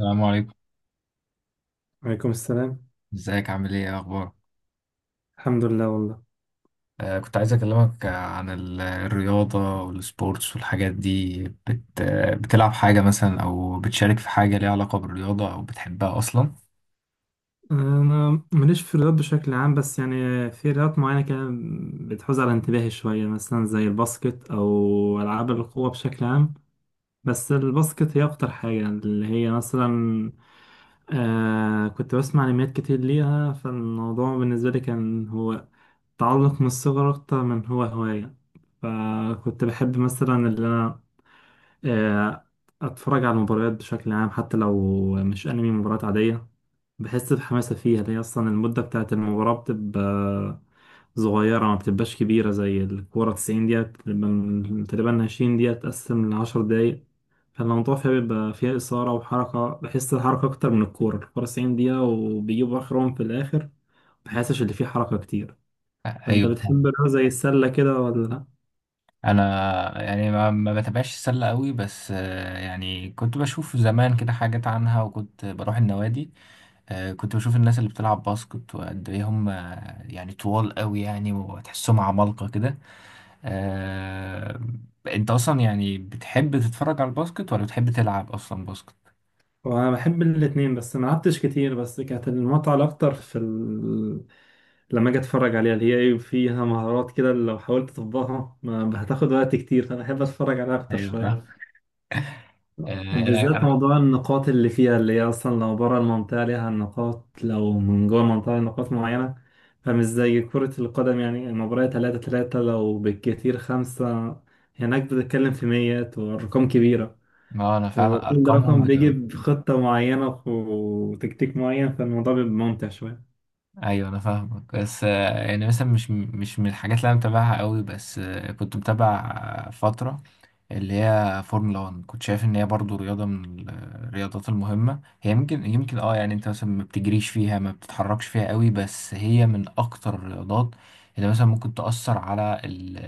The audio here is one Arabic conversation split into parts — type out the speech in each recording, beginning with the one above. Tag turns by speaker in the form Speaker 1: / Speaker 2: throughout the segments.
Speaker 1: السلام عليكم.
Speaker 2: وعليكم السلام.
Speaker 1: ازيك؟ عامل ايه؟ ايه اخبارك؟
Speaker 2: الحمد لله والله.
Speaker 1: كنت عايز اكلمك، عن الرياضة والسبورتس والحاجات دي، بت آه، بتلعب حاجة مثلا او بتشارك في حاجة ليها علاقة بالرياضة او بتحبها اصلا؟
Speaker 2: انا ماليش في الرياضات بشكل عام، بس يعني في رياضات معينه كده بتحوز على انتباهي شويه، مثلا زي الباسكت او العاب القوه بشكل عام. بس الباسكت هي اكتر حاجه، اللي هي مثلا كنت بسمع انميات كتير ليها، فالموضوع بالنسبه لي كان هو تعلق من الصغر اكتر من هو هوايه. فكنت بحب مثلا اللي انا آه اتفرج على المباريات بشكل عام، حتى لو مش انمي، مباريات عاديه. بحس بحماسة فيها، لأن أصلا المدة بتاعت المباراة بتبقى صغيرة، ما بتبقاش كبيرة زي الكورة 90 دقيقة، بتبقى تقريبا 20 دقيقة تقسم لعشر دقايق. فالموضوع فيها بيبقى فيها إثارة وحركة، بحس الحركة أكتر من الكورة 90 دقيقة، وبيجيبوا آخرهم في الآخر، مبحسش اللي فيه حركة كتير.
Speaker 1: آه، ايوه
Speaker 2: فأنت
Speaker 1: فاهم.
Speaker 2: بتحب الرياضة زي السلة كده ولا لأ؟
Speaker 1: انا يعني ما بتابعش السلة قوي، بس يعني كنت بشوف زمان كده حاجات عنها، وكنت بروح النوادي. كنت بشوف الناس اللي بتلعب باسكت وقد ايه هم، يعني طوال قوي يعني، وتحسهم عمالقة كده. آه... انت اصلا يعني بتحب تتفرج على الباسكت ولا بتحب تلعب اصلا باسكت؟
Speaker 2: وانا بحب الاتنين، بس ما لعبتش كتير. بس كانت المتعة الاكتر في لما اجي اتفرج عليها، اللي هي ايه فيها مهارات كده، لو حاولت تطبقها ما هتاخد وقت كتير، فانا احب اتفرج عليها اكتر
Speaker 1: ايوه
Speaker 2: شوية.
Speaker 1: فاهم. آه... انا
Speaker 2: وبالذات
Speaker 1: انا
Speaker 2: موضوع النقاط اللي فيها، اللي هي اصلا لو بره المنطقة ليها نقاط، لو من جوه المنطقة ليها نقاط معينة. فمش زي كرة القدم، يعني المباراة تلاتة تلاتة، لو بالكتير خمسة، هناك بتتكلم في ميات وأرقام كبيرة.
Speaker 1: ما انا فعلا
Speaker 2: وكل
Speaker 1: ارقامهم
Speaker 2: رقم بيجي
Speaker 1: بتبقى.
Speaker 2: بخطة معينة وتكتيك معين، فالموضوع بيبقى ممتع شوية.
Speaker 1: ايوه انا فاهمك، بس يعني مثلا مش من الحاجات اللي انا متابعها قوي، بس كنت متابع فترة اللي هي فورمولا 1. كنت شايف ان هي برضو رياضة من الرياضات المهمة. هي يمكن يعني انت مثلا ما بتجريش فيها، ما بتتحركش فيها قوي، بس هي من اكتر الرياضات اللي مثلا ممكن تأثر على ال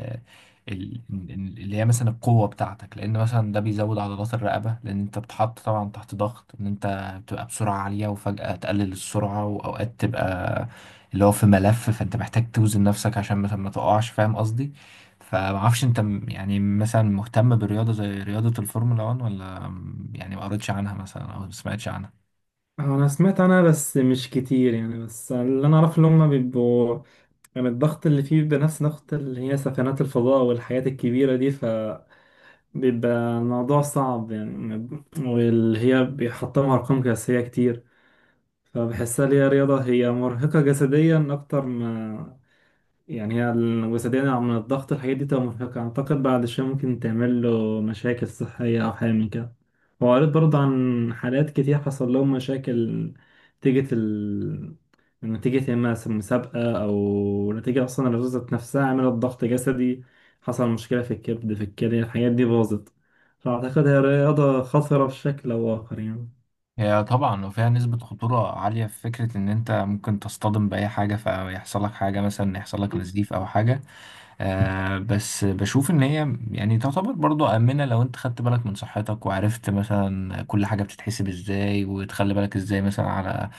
Speaker 1: ال- ال- اللي هي مثلا القوة بتاعتك، لأن مثلا ده بيزود عضلات الرقبة، لأن أنت بتحط طبعا تحت ضغط. إن أنت بتبقى بسرعة عالية وفجأة تقلل السرعة، وأوقات تبقى اللي هو في ملف، فأنت محتاج توزن نفسك عشان مثلا ما تقعش، فاهم قصدي؟ فمعرفش انت، يعني مثلا مهتم برياضة زي رياضة الفورمولا 1، ولا يعني ما قريتش عنها مثلا او ما سمعتش عنها؟
Speaker 2: أنا سمعت عنها بس مش كتير يعني، بس اللي أنا أعرفه إن هما بيبقوا، يعني الضغط اللي فيه بيبقى نفس ضغط اللي هي سفنات الفضاء والحاجات الكبيرة دي، فبيبقى الموضوع صعب يعني. واللي هي بيحطمها أرقام قياسية كتير، فبحسها اللي هي رياضة هي مرهقة جسديا أكتر ما، يعني هي الوسيدة من الضغط، الحاجات دي تبقى مرهقة. أعتقد بعد شوية ممكن تعمل له مشاكل صحية أو حاجة من كده. وقريت برضه عن حالات كتير حصل لهم مشاكل، نتيجة ال نتيجة يا إما مسابقة، أو نتيجة أصلا الرزة نفسها عملت ضغط جسدي، حصل مشكلة في الكبد في الكلى، الحاجات دي باظت. فأعتقد هي رياضة خطرة بشكل أو آخر يعني.
Speaker 1: هي طبعا وفيها نسبة خطورة عالية، في فكرة ان انت ممكن تصطدم بأي حاجة فيحصل لك حاجة، مثلا يحصل لك نزيف او حاجة. بس بشوف ان هي يعني تعتبر برضو امنه لو انت خدت بالك من صحتك، وعرفت مثلا كل حاجه بتتحسب ازاي، وتخلي بالك ازاي مثلا على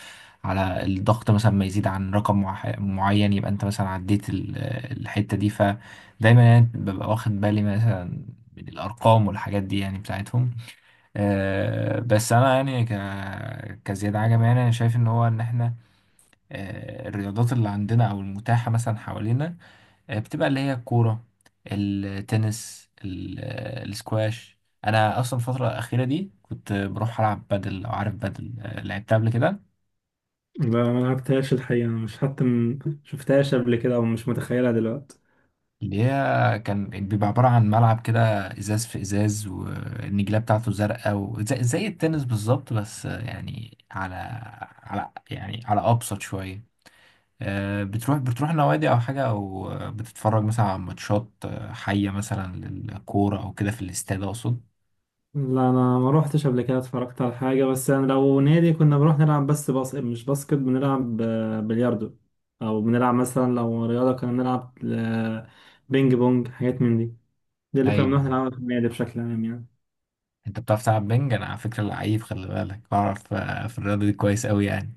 Speaker 1: على الضغط مثلا ما يزيد عن رقم معين، يبقى انت مثلا عديت الحته دي. فدايما يعني ببقى واخد بالي مثلا من الارقام والحاجات دي يعني بتاعتهم. بس انا يعني كزياد عجب. يعني انا شايف ان هو ان احنا، الرياضات اللي عندنا او المتاحه مثلا حوالينا، بتبقى اللي هي الكورة، التنس، السكواش. انا اصلا الفترة الأخيرة دي كنت بروح العب بادل. لو عارف بادل، لعبتها قبل كده؟
Speaker 2: لا ما لعبتهاش الحقيقة، مش حتى شفتهاش قبل كده، أو مش متخيلها دلوقتي.
Speaker 1: اللي هي كان بيبقى عبارة عن ملعب كده، ازاز في ازاز، والنجيلة بتاعته زرقاء، وزي التنس بالظبط، بس يعني على يعني ابسط شوية. بتروح نوادي او حاجة، او بتتفرج مثلا على ماتشات حية مثلا للكورة، او كده في الاستاد، اقصد.
Speaker 2: لا انا ما روحتش قبل كده اتفرجت على حاجه. بس انا لو نادي كنا بنروح نلعب، بس باسكت، مش باسكت، بنلعب بلياردو، او بنلعب مثلا لو رياضه كنا بنلعب بينج بونج، حاجات من دي. دي اللي كنا
Speaker 1: ايوه،
Speaker 2: بنروح نلعبها في النادي بشكل عام يعني.
Speaker 1: انت بتعرف تلعب بنج؟ انا على فكره لعيب، خلي بالك، بعرف في الرياضه دي كويس قوي يعني.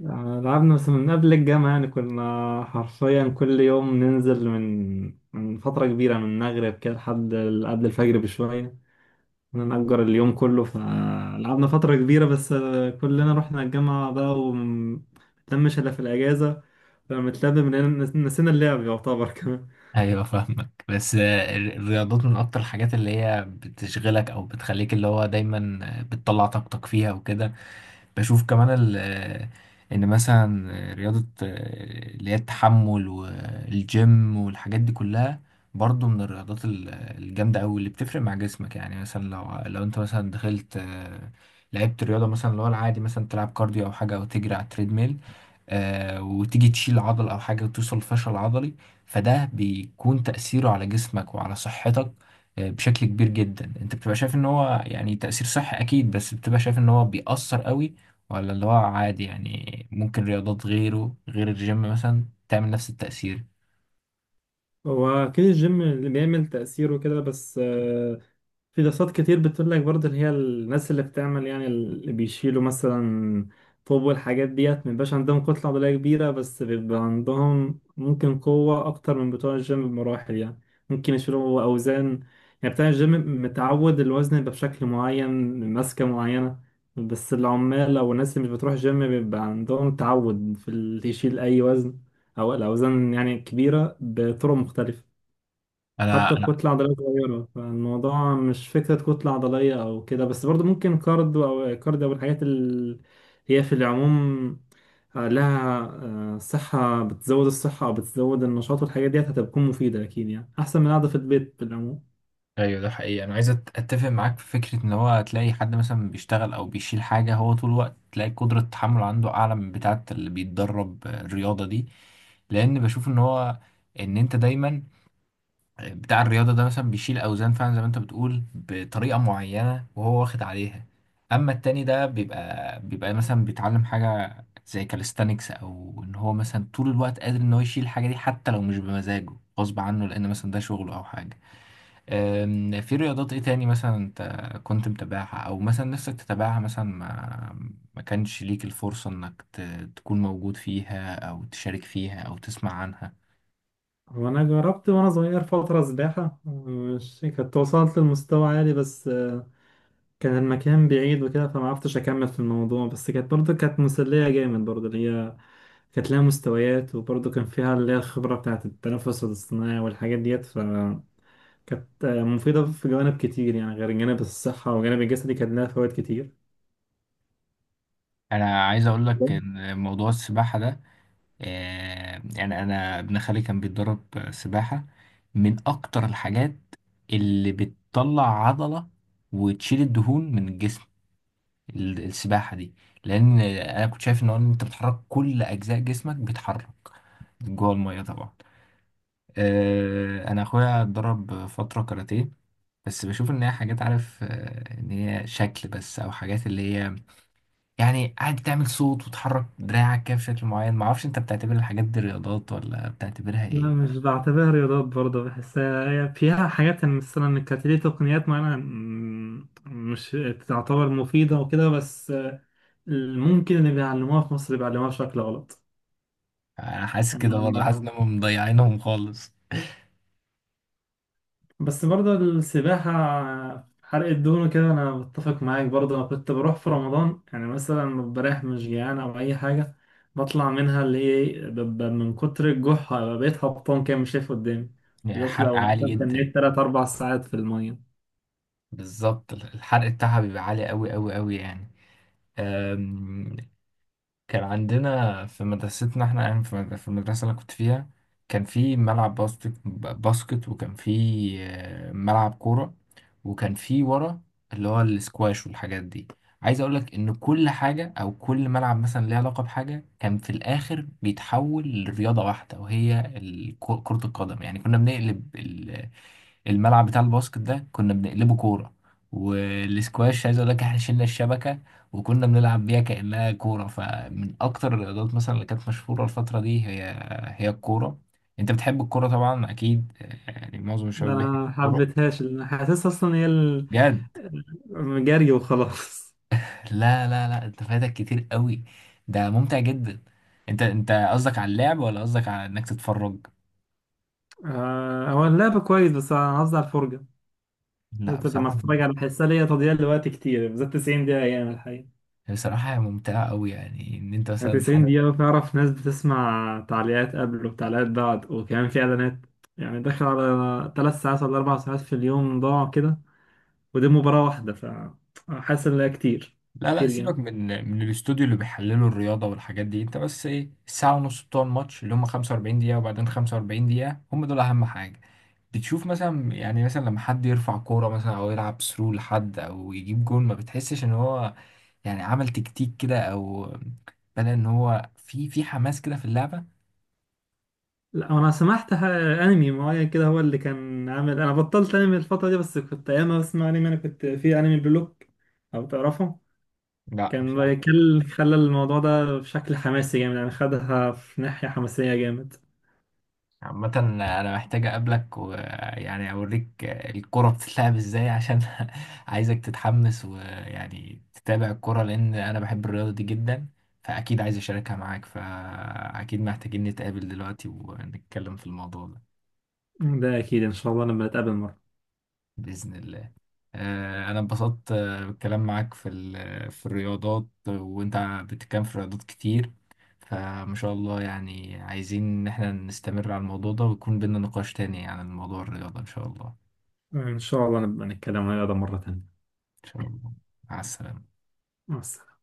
Speaker 2: لعبنا بس من قبل الجامعه، يعني كنا حرفيا كل يوم ننزل من فتره كبيره، من المغرب كده لحد قبل الفجر بشويه، كنا نأجر اليوم كله، فلعبنا فترة كبيرة. بس كلنا رحنا الجامعة بقى، ومتلمش إلا في الأجازة، فلما اتلم من نسينا اللعب يعتبر كمان.
Speaker 1: ايوه فاهمك، بس الرياضات من اكتر الحاجات اللي هي بتشغلك او بتخليك اللي هو دايما بتطلع طاقتك فيها وكده. بشوف كمان ان مثلا رياضه اللي هي التحمل والجيم والحاجات دي كلها، برضو من الرياضات الجامده قوي، اللي بتفرق مع جسمك. يعني مثلا لو انت مثلا دخلت لعبت رياضه مثلا اللي هو العادي، مثلا تلعب كارديو او حاجه، او تجري على التريدميل، وتيجي تشيل عضل او حاجه، وتوصل لفشل عضلي، فده بيكون تاثيره على جسمك وعلى صحتك بشكل كبير جدا. انت بتبقى شايف ان هو يعني تاثير صحي اكيد، بس بتبقى شايف ان هو بيأثر قوي، ولا اللي هو عادي يعني ممكن رياضات غيره غير الجيم مثلا تعمل نفس التأثير؟
Speaker 2: هو أكيد الجيم اللي بيعمل تأثيره كده. بس في دراسات كتير بتقول لك برضه، اللي هي الناس اللي بتعمل يعني اللي بيشيلوا مثلا طوب والحاجات ديت، مبيبقاش عندهم كتلة عضلية كبيرة، بس بيبقى عندهم ممكن قوة أكتر من بتوع الجيم بمراحل يعني. ممكن يشيلوا أوزان، يعني بتاع الجيم متعود الوزن يبقى بشكل معين، ماسكة معينة. بس العمال أو الناس اللي مش بتروح جيم بيبقى عندهم تعود في اللي يشيل أي وزن، أو الأوزان يعني كبيرة بطرق مختلفة،
Speaker 1: انا
Speaker 2: حتى
Speaker 1: انا
Speaker 2: بكتلة عضلية صغيرة. فالموضوع مش فكرة كتلة عضلية أو كده، بس برضو ممكن كاردو أو كارديو، أو الحاجات اللي هي في العموم لها صحة، بتزود الصحة أو بتزود النشاط، والحاجات ديت هتكون مفيدة أكيد يعني، أحسن من قاعدة في البيت في العموم.
Speaker 1: ايوه، ده حقيقي. انا عايز اتفق معاك في فكره ان هو تلاقي حد مثلا بيشتغل او بيشيل حاجه هو طول الوقت، تلاقي قدره التحمل عنده اعلى من بتاعه اللي بيتدرب الرياضه دي، لان بشوف ان هو ان انت دايما بتاع الرياضه ده مثلا بيشيل اوزان فعلا زي ما انت بتقول بطريقه معينه، وهو واخد عليها. اما التاني ده بيبقى مثلا بيتعلم حاجه زي كاليستانكس، او ان هو مثلا طول الوقت قادر ان هو يشيل الحاجه دي حتى لو مش بمزاجه، غصب عنه، لان مثلا ده شغله او حاجه. في رياضات ايه تاني مثلا انت كنت متابعها، او مثلا نفسك تتابعها مثلا ما كانش ليك الفرصة انك تكون موجود فيها، او تشارك فيها، او تسمع عنها؟
Speaker 2: هو أنا جربت وأنا صغير فترة سباحة، مش كنت وصلت لمستوى عالي، بس كان المكان بعيد وكده فمعرفتش أكمل في الموضوع. بس كانت برضه كانت مسلية جامد برضه، اللي هي كانت لها مستويات، وبرضه كان فيها اللي هي الخبرة بتاعة التنفس الاصطناعي والحاجات ديت، فكانت مفيدة في جوانب كتير يعني، غير جانب الصحة وجانب الجسدي كان لها فوائد كتير.
Speaker 1: انا عايز اقول لك ان موضوع السباحة ده، يعني انا ابن خالي كان بيتدرب سباحة، من اكتر الحاجات اللي بتطلع عضلة وتشيل الدهون من الجسم، السباحة دي. لأن أنا كنت شايف إن هو إن أنت بتحرك كل أجزاء جسمك، بيتحرك جوه المية طبعا. أنا أخويا اتدرب فترة كاراتيه، بس بشوف إن هي حاجات، عارف، إن هي شكل بس، أو حاجات اللي هي يعني قاعد تعمل صوت وتحرك دراعك كده بشكل معين. معرفش أنت بتعتبر الحاجات دي رياضات، ولا بتعتبرها
Speaker 2: لا
Speaker 1: إيه؟
Speaker 2: مش بعتبرها رياضات برضه، بحسها هي فيها حاجات يعني، مثلا كانت ليه تقنيات معينة مش تعتبر مفيدة وكده. بس ممكن اللي بيعلموها في مصر بيعلموها بشكل غلط.
Speaker 1: أنا حاسس كده برضه،
Speaker 2: يعني.
Speaker 1: حاسس إن هم مضيعينهم خالص.
Speaker 2: بس برضه السباحة حرق الدهون كده، أنا بتفق معاك. برضه أنا كنت بروح في رمضان، يعني مثلا لما بريح مش جيعان أو أي حاجة، بطلع منها اللي هي ببقى من كتر الجوع بقيت هبطان كده مش شايف قدامي،
Speaker 1: يعني
Speaker 2: بالذات
Speaker 1: حرق
Speaker 2: لو
Speaker 1: عالي
Speaker 2: مثلا
Speaker 1: جدا.
Speaker 2: تنيت تلات أربع ساعات في المية.
Speaker 1: بالظبط، الحرق بتاعها بيبقى عالي أوي أوي أوي. يعني كان عندنا في مدرستنا، احنا يعني في المدرسة اللي أنا كنت فيها، كان في ملعب باسكت باسكت، وكان في ملعب كورة، وكان في ورا اللي هو السكواش والحاجات دي. عايز اقولك ان كل حاجة، او كل ملعب مثلا ليه علاقة بحاجة، كان في الاخر بيتحول لرياضة واحدة، وهي كرة القدم. يعني كنا بنقلب الملعب بتاع الباسكت ده، كنا بنقلبه كورة، والسكواش، عايز اقول لك احنا شلنا الشبكة وكنا بنلعب بيها كأنها كورة. فمن اكتر الرياضات مثلا اللي كانت مشهورة الفترة دي، هي هي الكورة. انت بتحب الكورة طبعا اكيد، يعني معظم
Speaker 2: ده
Speaker 1: الشباب بيحب
Speaker 2: أنا
Speaker 1: الكورة.
Speaker 2: محبتهاش لأن حاسسها أصلا هي
Speaker 1: بجد؟
Speaker 2: جري وخلاص.
Speaker 1: لا لا لا، انت فايتك كتير قوي، ده ممتع جدا. انت قصدك على اللعب، ولا قصدك على انك تتفرج؟
Speaker 2: هو اللعب كويس، بس أنا قصدي على الفرجة.
Speaker 1: لا،
Speaker 2: لما
Speaker 1: بصراحة.
Speaker 2: أتفرج على بحسها ليا تضييع لوقت كتير، بالذات 90 دقيقة يعني الحقيقة.
Speaker 1: بصراحة هي ممتعة قوي، يعني ان انت مثلا
Speaker 2: 90
Speaker 1: حد.
Speaker 2: دقيقة بتعرف، ناس بتسمع تعليقات قبل وتعليقات بعد وكمان في إعلانات، يعني داخل على 3 ساعات ولا 4 ساعات في اليوم ضاعوا كده، ودي مباراة واحدة. فحاسس إن ده كتير،
Speaker 1: لا لا،
Speaker 2: كتير جامد.
Speaker 1: سيبك من الاستوديو اللي بيحللوا الرياضة والحاجات دي، انت بس ايه الساعة ونص بتوع الماتش اللي هم 45 دقيقة، وبعدين 45 دقيقة، هم دول أهم حاجة. بتشوف مثلا يعني مثلا لما حد يرفع كورة مثلا أو يلعب ثرو لحد، أو يجيب جون، ما بتحسش إن هو يعني عمل تكتيك كده، أو بدأ إن هو في حماس كده في اللعبة؟
Speaker 2: لا أنا سمعت أنمي معين كده هو اللي كان عامل، أنا بطلت أنمي الفترة دي، بس كنت أيام ما بسمع أنمي أنا كنت في أنمي بلوك، أو تعرفه؟
Speaker 1: لا،
Speaker 2: كان
Speaker 1: مش عارف.
Speaker 2: بيكل خلى الموضوع ده بشكل حماسي جامد يعني، خدها في ناحية حماسية جامد.
Speaker 1: عامة أنا محتاج أقابلك ويعني أوريك الكرة بتتلعب إزاي، عشان عايزك تتحمس ويعني تتابع الكرة، لأن أنا بحب الرياضة دي جدا، فأكيد عايز أشاركها معاك، فأكيد محتاجين نتقابل دلوقتي ونتكلم في الموضوع ده.
Speaker 2: ده أكيد إن شاء الله لما نتقابل.
Speaker 1: بإذن الله. أنا انبسطت بالكلام معاك في في الرياضات، وأنت بتتكلم في رياضات كتير، فما شاء الله، يعني عايزين إن احنا نستمر على الموضوع ده، ويكون بينا نقاش تاني عن الموضوع الرياضة إن شاء الله.
Speaker 2: إن شاء الله نبقى نتكلم عن هذا مرة تانية.
Speaker 1: إن شاء الله. مع السلامة.
Speaker 2: مع السلامة.